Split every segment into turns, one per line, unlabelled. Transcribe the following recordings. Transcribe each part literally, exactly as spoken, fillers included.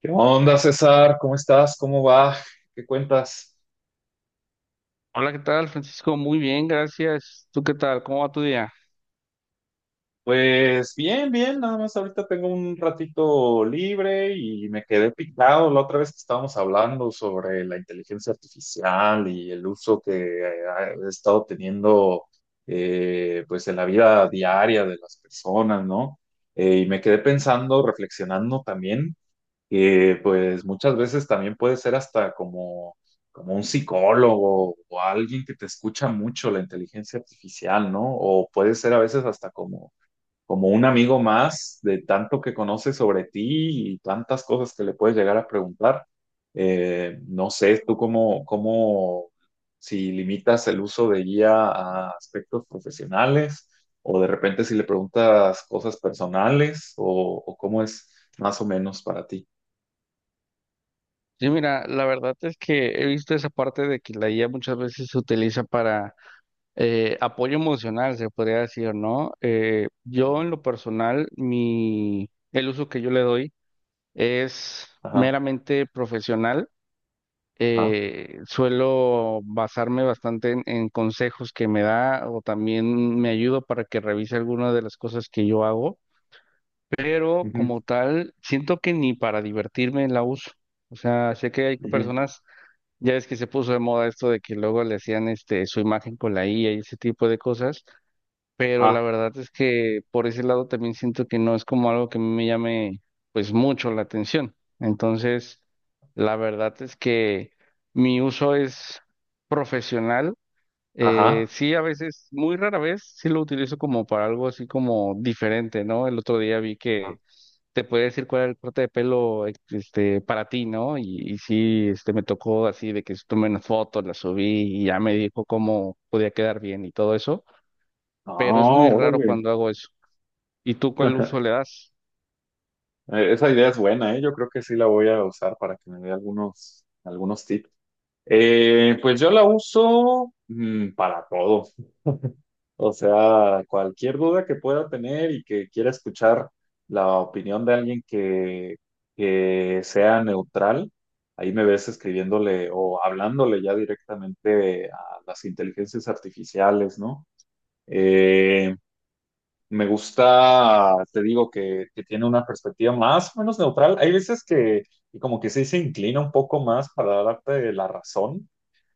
¿Qué onda, César? ¿Cómo estás? ¿Cómo va? ¿Qué cuentas?
Hola, ¿qué tal, Francisco? Muy bien, gracias. ¿Tú qué tal? ¿Cómo va tu día?
Pues bien, bien, nada más ahorita tengo un ratito libre y me quedé picado la otra vez que estábamos hablando sobre la inteligencia artificial y el uso que eh, ha estado teniendo, eh, pues en la vida diaria de las personas, ¿no? Eh, y me quedé pensando, reflexionando también que pues muchas veces también puede ser hasta como, como un psicólogo o alguien que te escucha mucho la inteligencia artificial, ¿no? O puede ser a veces hasta como, como un amigo más de tanto que conoce sobre ti y tantas cosas que le puedes llegar a preguntar. Eh, no sé, tú cómo, cómo, si limitas el uso de guía a aspectos profesionales o de repente si le preguntas cosas personales o, o cómo es más o menos para ti.
Sí, mira, la verdad es que he visto esa parte de que la I A muchas veces se utiliza para eh, apoyo emocional, se podría decir, ¿no? Eh,
Ajá,
yo en lo personal, mi, el uso que yo le doy es
ajá,
meramente profesional.
ajá,
Eh, suelo basarme bastante en, en consejos que me da o también me ayuda para que revise algunas de las cosas que yo hago. Pero
ujú,
como tal, siento que ni para divertirme la uso. O sea, sé que hay
ujú,
personas, ya es que se puso de moda esto de que luego le hacían este su imagen con la I A y ese tipo de cosas, pero
ajá,
la verdad es que por ese lado también siento que no es como algo que me llame pues mucho la atención. Entonces, la verdad es que mi uso es profesional. Eh,
ajá,
sí, a veces, muy rara vez, sí lo utilizo como para algo así como diferente, ¿no? El otro día vi que
ajá.
te puede decir cuál es el corte de pelo ex- este, para ti, ¿no? Y, y sí, este, me tocó así de que tomé una foto, la subí y ya me dijo cómo podía quedar bien y todo eso, pero es
Ah,
muy raro
órale.
cuando hago eso. ¿Y tú cuál uso le das?
Eh, Esa idea es buena, ¿eh? Yo creo que sí la voy a usar para que me dé algunos, algunos tips. Eh, pues yo la uso mm, para todo. O sea, cualquier duda que pueda tener y que quiera escuchar la opinión de alguien que, que sea neutral, ahí me ves escribiéndole o hablándole ya directamente a las inteligencias artificiales, ¿no? Eh, Me gusta, te digo, que, que tiene una perspectiva más o menos neutral. Hay veces que y como que sí se inclina un poco más para darte la razón,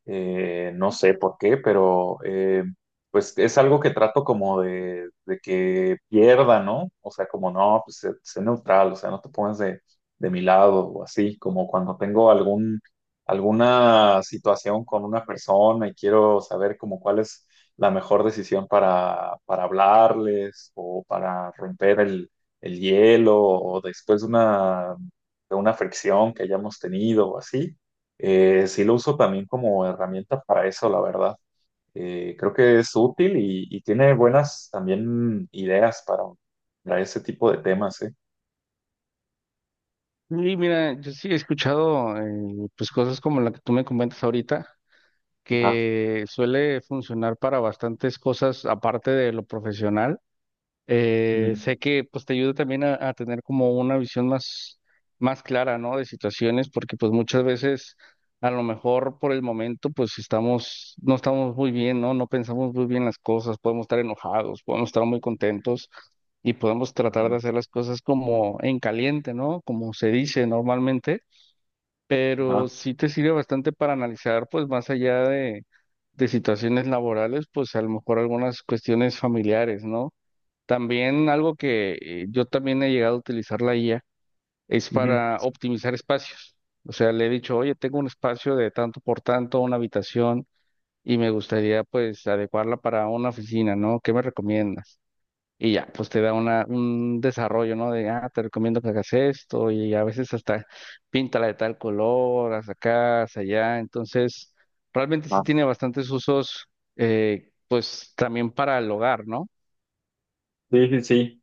eh, no sé por qué, pero eh, pues es algo que trato como de, de que pierda, ¿no? O sea, como no, pues sé, sé neutral, o sea, no te pongas de, de mi lado o así, como cuando tengo algún, alguna situación con una persona y quiero saber como cuál es la mejor decisión para, para hablarles o para romper el, el hielo o después de una, de una fricción que hayamos tenido o así. Eh, sí lo uso también como herramienta para eso, la verdad. Eh, creo que es útil y, y tiene buenas también ideas para, para ese tipo de temas, ¿eh?
Y mira, yo sí he escuchado eh, pues cosas como la que tú me comentas ahorita,
Ajá,
que suele funcionar para bastantes cosas aparte de lo profesional.
ujú,
Eh, sé que pues te ayuda también a, a tener como una visión más, más clara, ¿no? De situaciones, porque pues muchas veces a lo mejor por el momento pues estamos, no estamos muy bien, ¿no? No pensamos muy bien las cosas, podemos estar enojados, podemos estar muy contentos y podemos tratar de
ajá,
hacer las cosas como en caliente, ¿no? Como se dice normalmente, pero
ajá,
sí te sirve bastante para analizar pues más allá de, de situaciones laborales, pues a lo mejor algunas cuestiones familiares, ¿no? También algo que eh, yo también he llegado a utilizar la I A es
ujú,
para optimizar espacios. O sea, le he dicho, oye, tengo un espacio de tanto por tanto, una habitación, y me gustaría pues adecuarla para una oficina, ¿no? ¿Qué me recomiendas? Y ya, pues te da una, un desarrollo, ¿no? De, ah, te recomiendo que hagas esto, y a veces hasta píntala de tal color, haz acá, haz allá. Entonces, realmente sí
ajá.
tiene bastantes usos, eh, pues también para el hogar, ¿no?
Sí, sí, sí.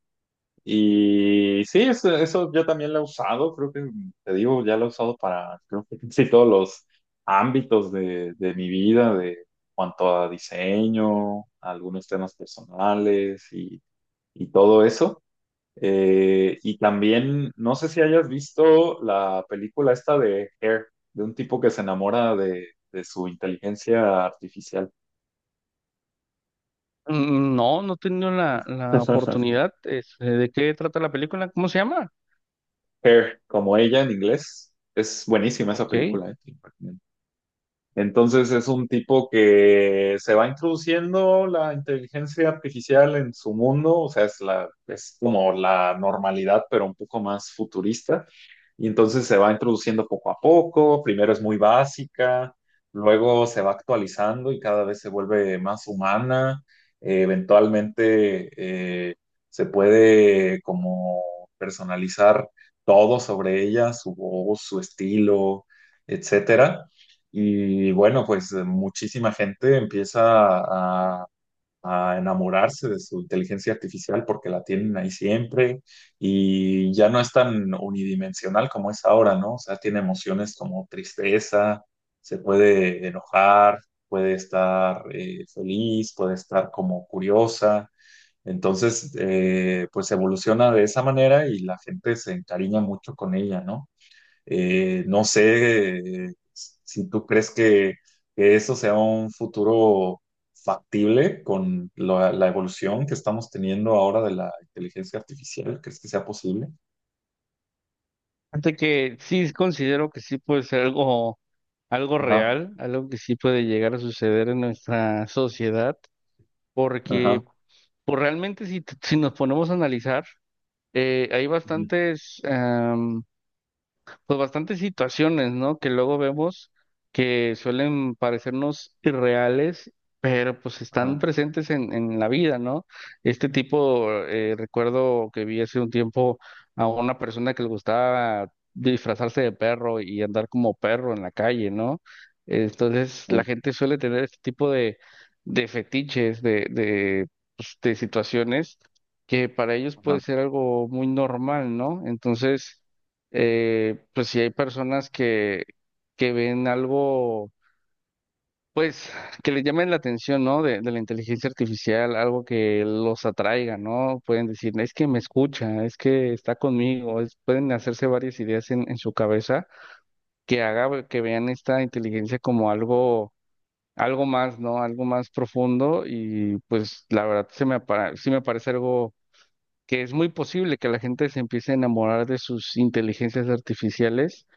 Y sí, eso, eso yo también lo he usado, creo que te digo, ya lo he usado para creo que casi todos los ámbitos de, de mi vida, de cuanto a diseño, algunos temas personales y, y todo eso. Eh, y también, no sé si hayas visto la película esta de Air, de un tipo que se enamora de, de su inteligencia artificial.
Mm, no, no he tenido la, la oportunidad. Este, ¿de qué trata la película? ¿Cómo se llama?
Hair, como ella en inglés. Es buenísima esa
Ok.
película, ¿eh? Entonces es un tipo que se va introduciendo la inteligencia artificial en su mundo, o sea, es la, es como la normalidad, pero un poco más futurista. Y entonces se va introduciendo poco a poco, primero es muy básica, luego se va actualizando y cada vez se vuelve más humana. Eh, eventualmente eh, se puede como personalizar todo sobre ella, su voz, su estilo, etcétera. Y bueno, pues eh, muchísima gente empieza a, a enamorarse de su inteligencia artificial porque la tienen ahí siempre y ya no es tan unidimensional como es ahora, ¿no? O sea, tiene emociones como tristeza, se puede enojar, puede estar eh, feliz, puede estar como curiosa. Entonces, eh, pues evoluciona de esa manera y la gente se encariña mucho con ella, ¿no? Eh, no sé eh, si tú crees que, que eso sea un futuro factible con la, la evolución que estamos teniendo ahora de la inteligencia artificial. ¿Crees que sea posible?
Fíjate que sí considero que sí puede ser algo, algo
Ajá,
real, algo que sí puede llegar a suceder en nuestra sociedad,
ajá,
porque pues, realmente si, t- si nos ponemos a analizar, eh, hay
ujú,
bastantes pues bastantes situaciones, ¿no? Que luego vemos que suelen parecernos irreales, pero pues
ajá,
están presentes en, en la vida, ¿no? Este tipo, eh, recuerdo que vi hace un tiempo a una persona que le gustaba disfrazarse de perro y andar como perro en la calle, ¿no? Entonces la
sí,
gente suele tener este tipo de, de fetiches, de, de, pues, de situaciones que para ellos puede
ajá,
ser algo muy normal, ¿no? Entonces eh, pues si hay personas que, que ven algo, pues que les llamen la atención, ¿no? De, de la inteligencia artificial, algo que los atraiga, ¿no? Pueden decir, es que me escucha, es que está conmigo, es- pueden hacerse varias ideas en, en su cabeza que haga que vean esta inteligencia como algo, algo más, ¿no? Algo más profundo y pues la verdad se me, apara- sí me parece algo... que es muy posible que la gente se empiece a enamorar de sus inteligencias artificiales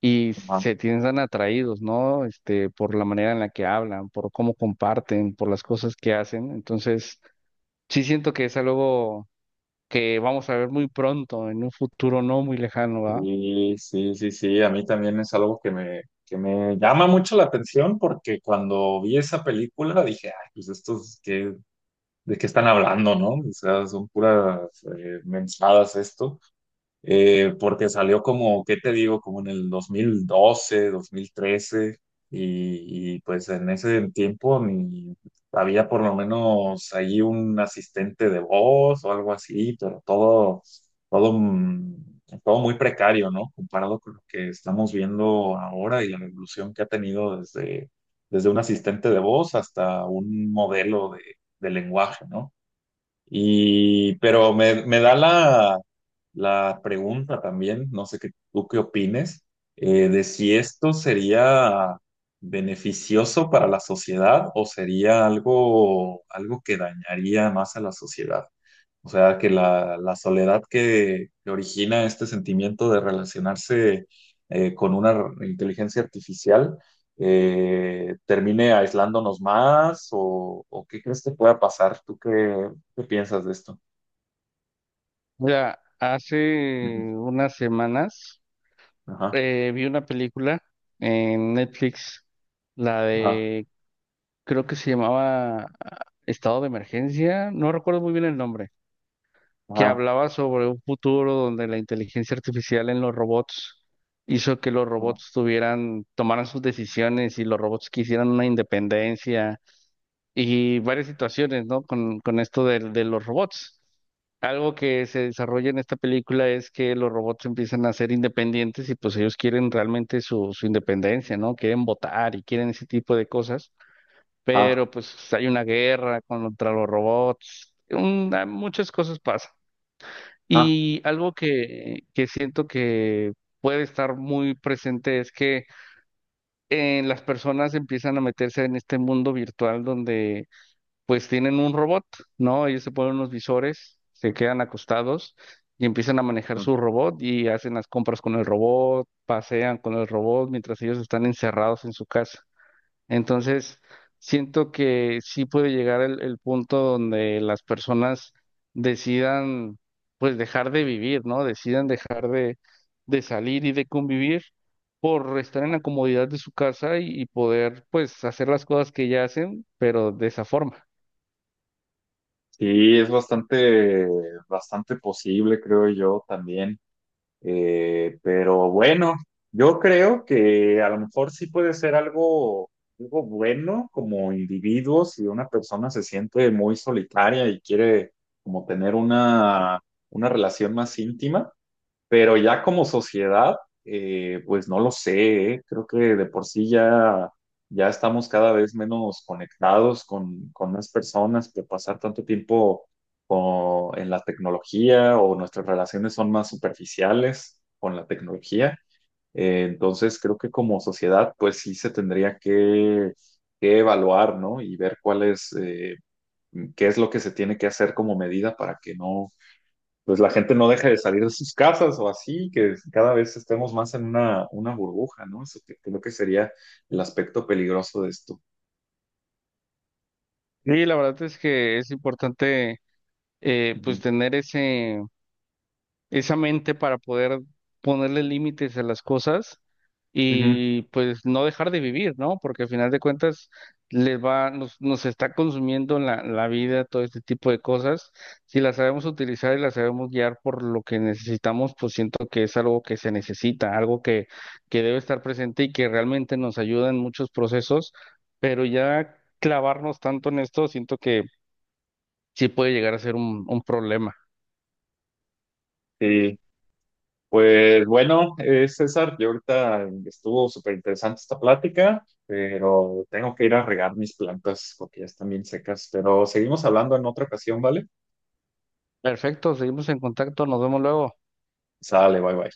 y
ajá.
se piensan atraídos, ¿no? Este, por la manera en la que hablan, por cómo comparten, por las cosas que hacen. Entonces, sí siento que es algo que vamos a ver muy pronto, en un futuro no muy lejano, ¿va?
Sí, sí, sí, sí, a mí también es algo que me, que me llama mucho la atención porque cuando vi esa película dije, ay, pues estos, ¿qué, de qué están hablando, no? O sea, son puras eh, mensadas esto. Eh, porque salió como, ¿qué te digo? Como en el dos mil doce, dos mil trece, y, y, pues en ese tiempo ni había por lo menos ahí un asistente de voz o algo así, pero todo, todo, mm, todo muy precario, ¿no? Comparado con lo que estamos viendo ahora y la evolución que ha tenido desde, desde un asistente de voz hasta un modelo de, de lenguaje, ¿no? Y, pero me, me da la, la pregunta también, no sé qué, tú qué opines, eh, de si esto sería beneficioso para la sociedad o sería algo, algo que dañaría más a la sociedad. O sea, que la, la soledad que, que origina este sentimiento de relacionarse eh, con una r- inteligencia artificial eh, termine aislándonos más o, o qué crees que pueda pasar. ¿Tú qué, ¿Qué piensas de esto?
Mira, hace
Ujú.
unas semanas
Ajá,
eh, vi una película en Netflix, la
ajá,
de, creo que se llamaba ah, Estado de Emergencia, no recuerdo muy bien el nombre, que
ajá,
hablaba sobre un futuro donde la inteligencia artificial en los robots hizo que los
ajá,
robots tuvieran, tomaran sus decisiones y los robots quisieran una independencia y varias situaciones, ¿no? Con, con esto del- de, los robots. Algo que se desarrolla en esta película es que los robots empiezan a ser independientes y pues ellos quieren realmente su, su independencia, ¿no? Quieren votar y quieren ese tipo de cosas,
ajá,
pero pues hay una guerra contra los robots, un- muchas cosas pasan.
ajá.
Y algo que, que siento que puede estar muy presente es que eh, las personas empiezan a meterse en este mundo virtual donde pues tienen un robot, ¿no? Ellos se ponen unos visores, se quedan acostados y empiezan a manejar
Mm.
su robot y hacen las compras con el robot, pasean con el robot mientras ellos están encerrados en su casa. Entonces, siento que sí puede llegar el, el punto donde las personas decidan, pues, dejar de vivir, ¿no? Decidan dejar de, de salir y de convivir por estar en la comodidad de su casa y, y poder, pues, hacer las cosas que ya hacen, pero de esa forma.
Sí, es bastante, bastante posible, creo yo también. Eh, pero bueno, yo creo que a lo mejor sí puede ser algo, algo bueno como individuo si una persona se siente muy solitaria y quiere como tener una, una relación más íntima. Pero ya como sociedad, eh, pues no lo sé, ¿eh? Creo que de por sí ya, ya estamos cada vez menos conectados con, con las personas, que pasar tanto tiempo o- en la tecnología o nuestras relaciones son más superficiales con la tecnología. Eh, entonces creo que como sociedad, pues sí se tendría que, que evaluar, ¿no? Y ver cuál es, eh, qué es lo que se tiene que hacer como medida para que no pues la gente no deje de salir de sus casas o así, que cada vez estemos más en una, una burbuja, ¿no? Eso que- creo que sería el aspecto peligroso de esto.
Y la verdad es que es importante, eh, pues,
Ujú.
tener ese... esa mente para poder ponerle límites a las cosas
Ujú.
y pues no dejar de vivir, ¿no? Porque al final de cuentas les va, nos, nos está consumiendo la, la vida, todo este tipo de cosas. Si las sabemos utilizar y las sabemos guiar por lo que necesitamos, pues siento que es algo que se necesita, algo que, que debe estar presente y que realmente nos ayuda en muchos procesos, pero ya clavarnos tanto en esto, siento que sí puede llegar a ser un un problema.
Sí. Pues bueno, eh, César, yo ahorita estuvo súper interesante esta plática, pero tengo que ir a regar mis plantas porque ya están bien secas, pero seguimos hablando en otra ocasión, ¿vale?
Perfecto, seguimos en contacto, nos vemos luego.
Sale, bye bye.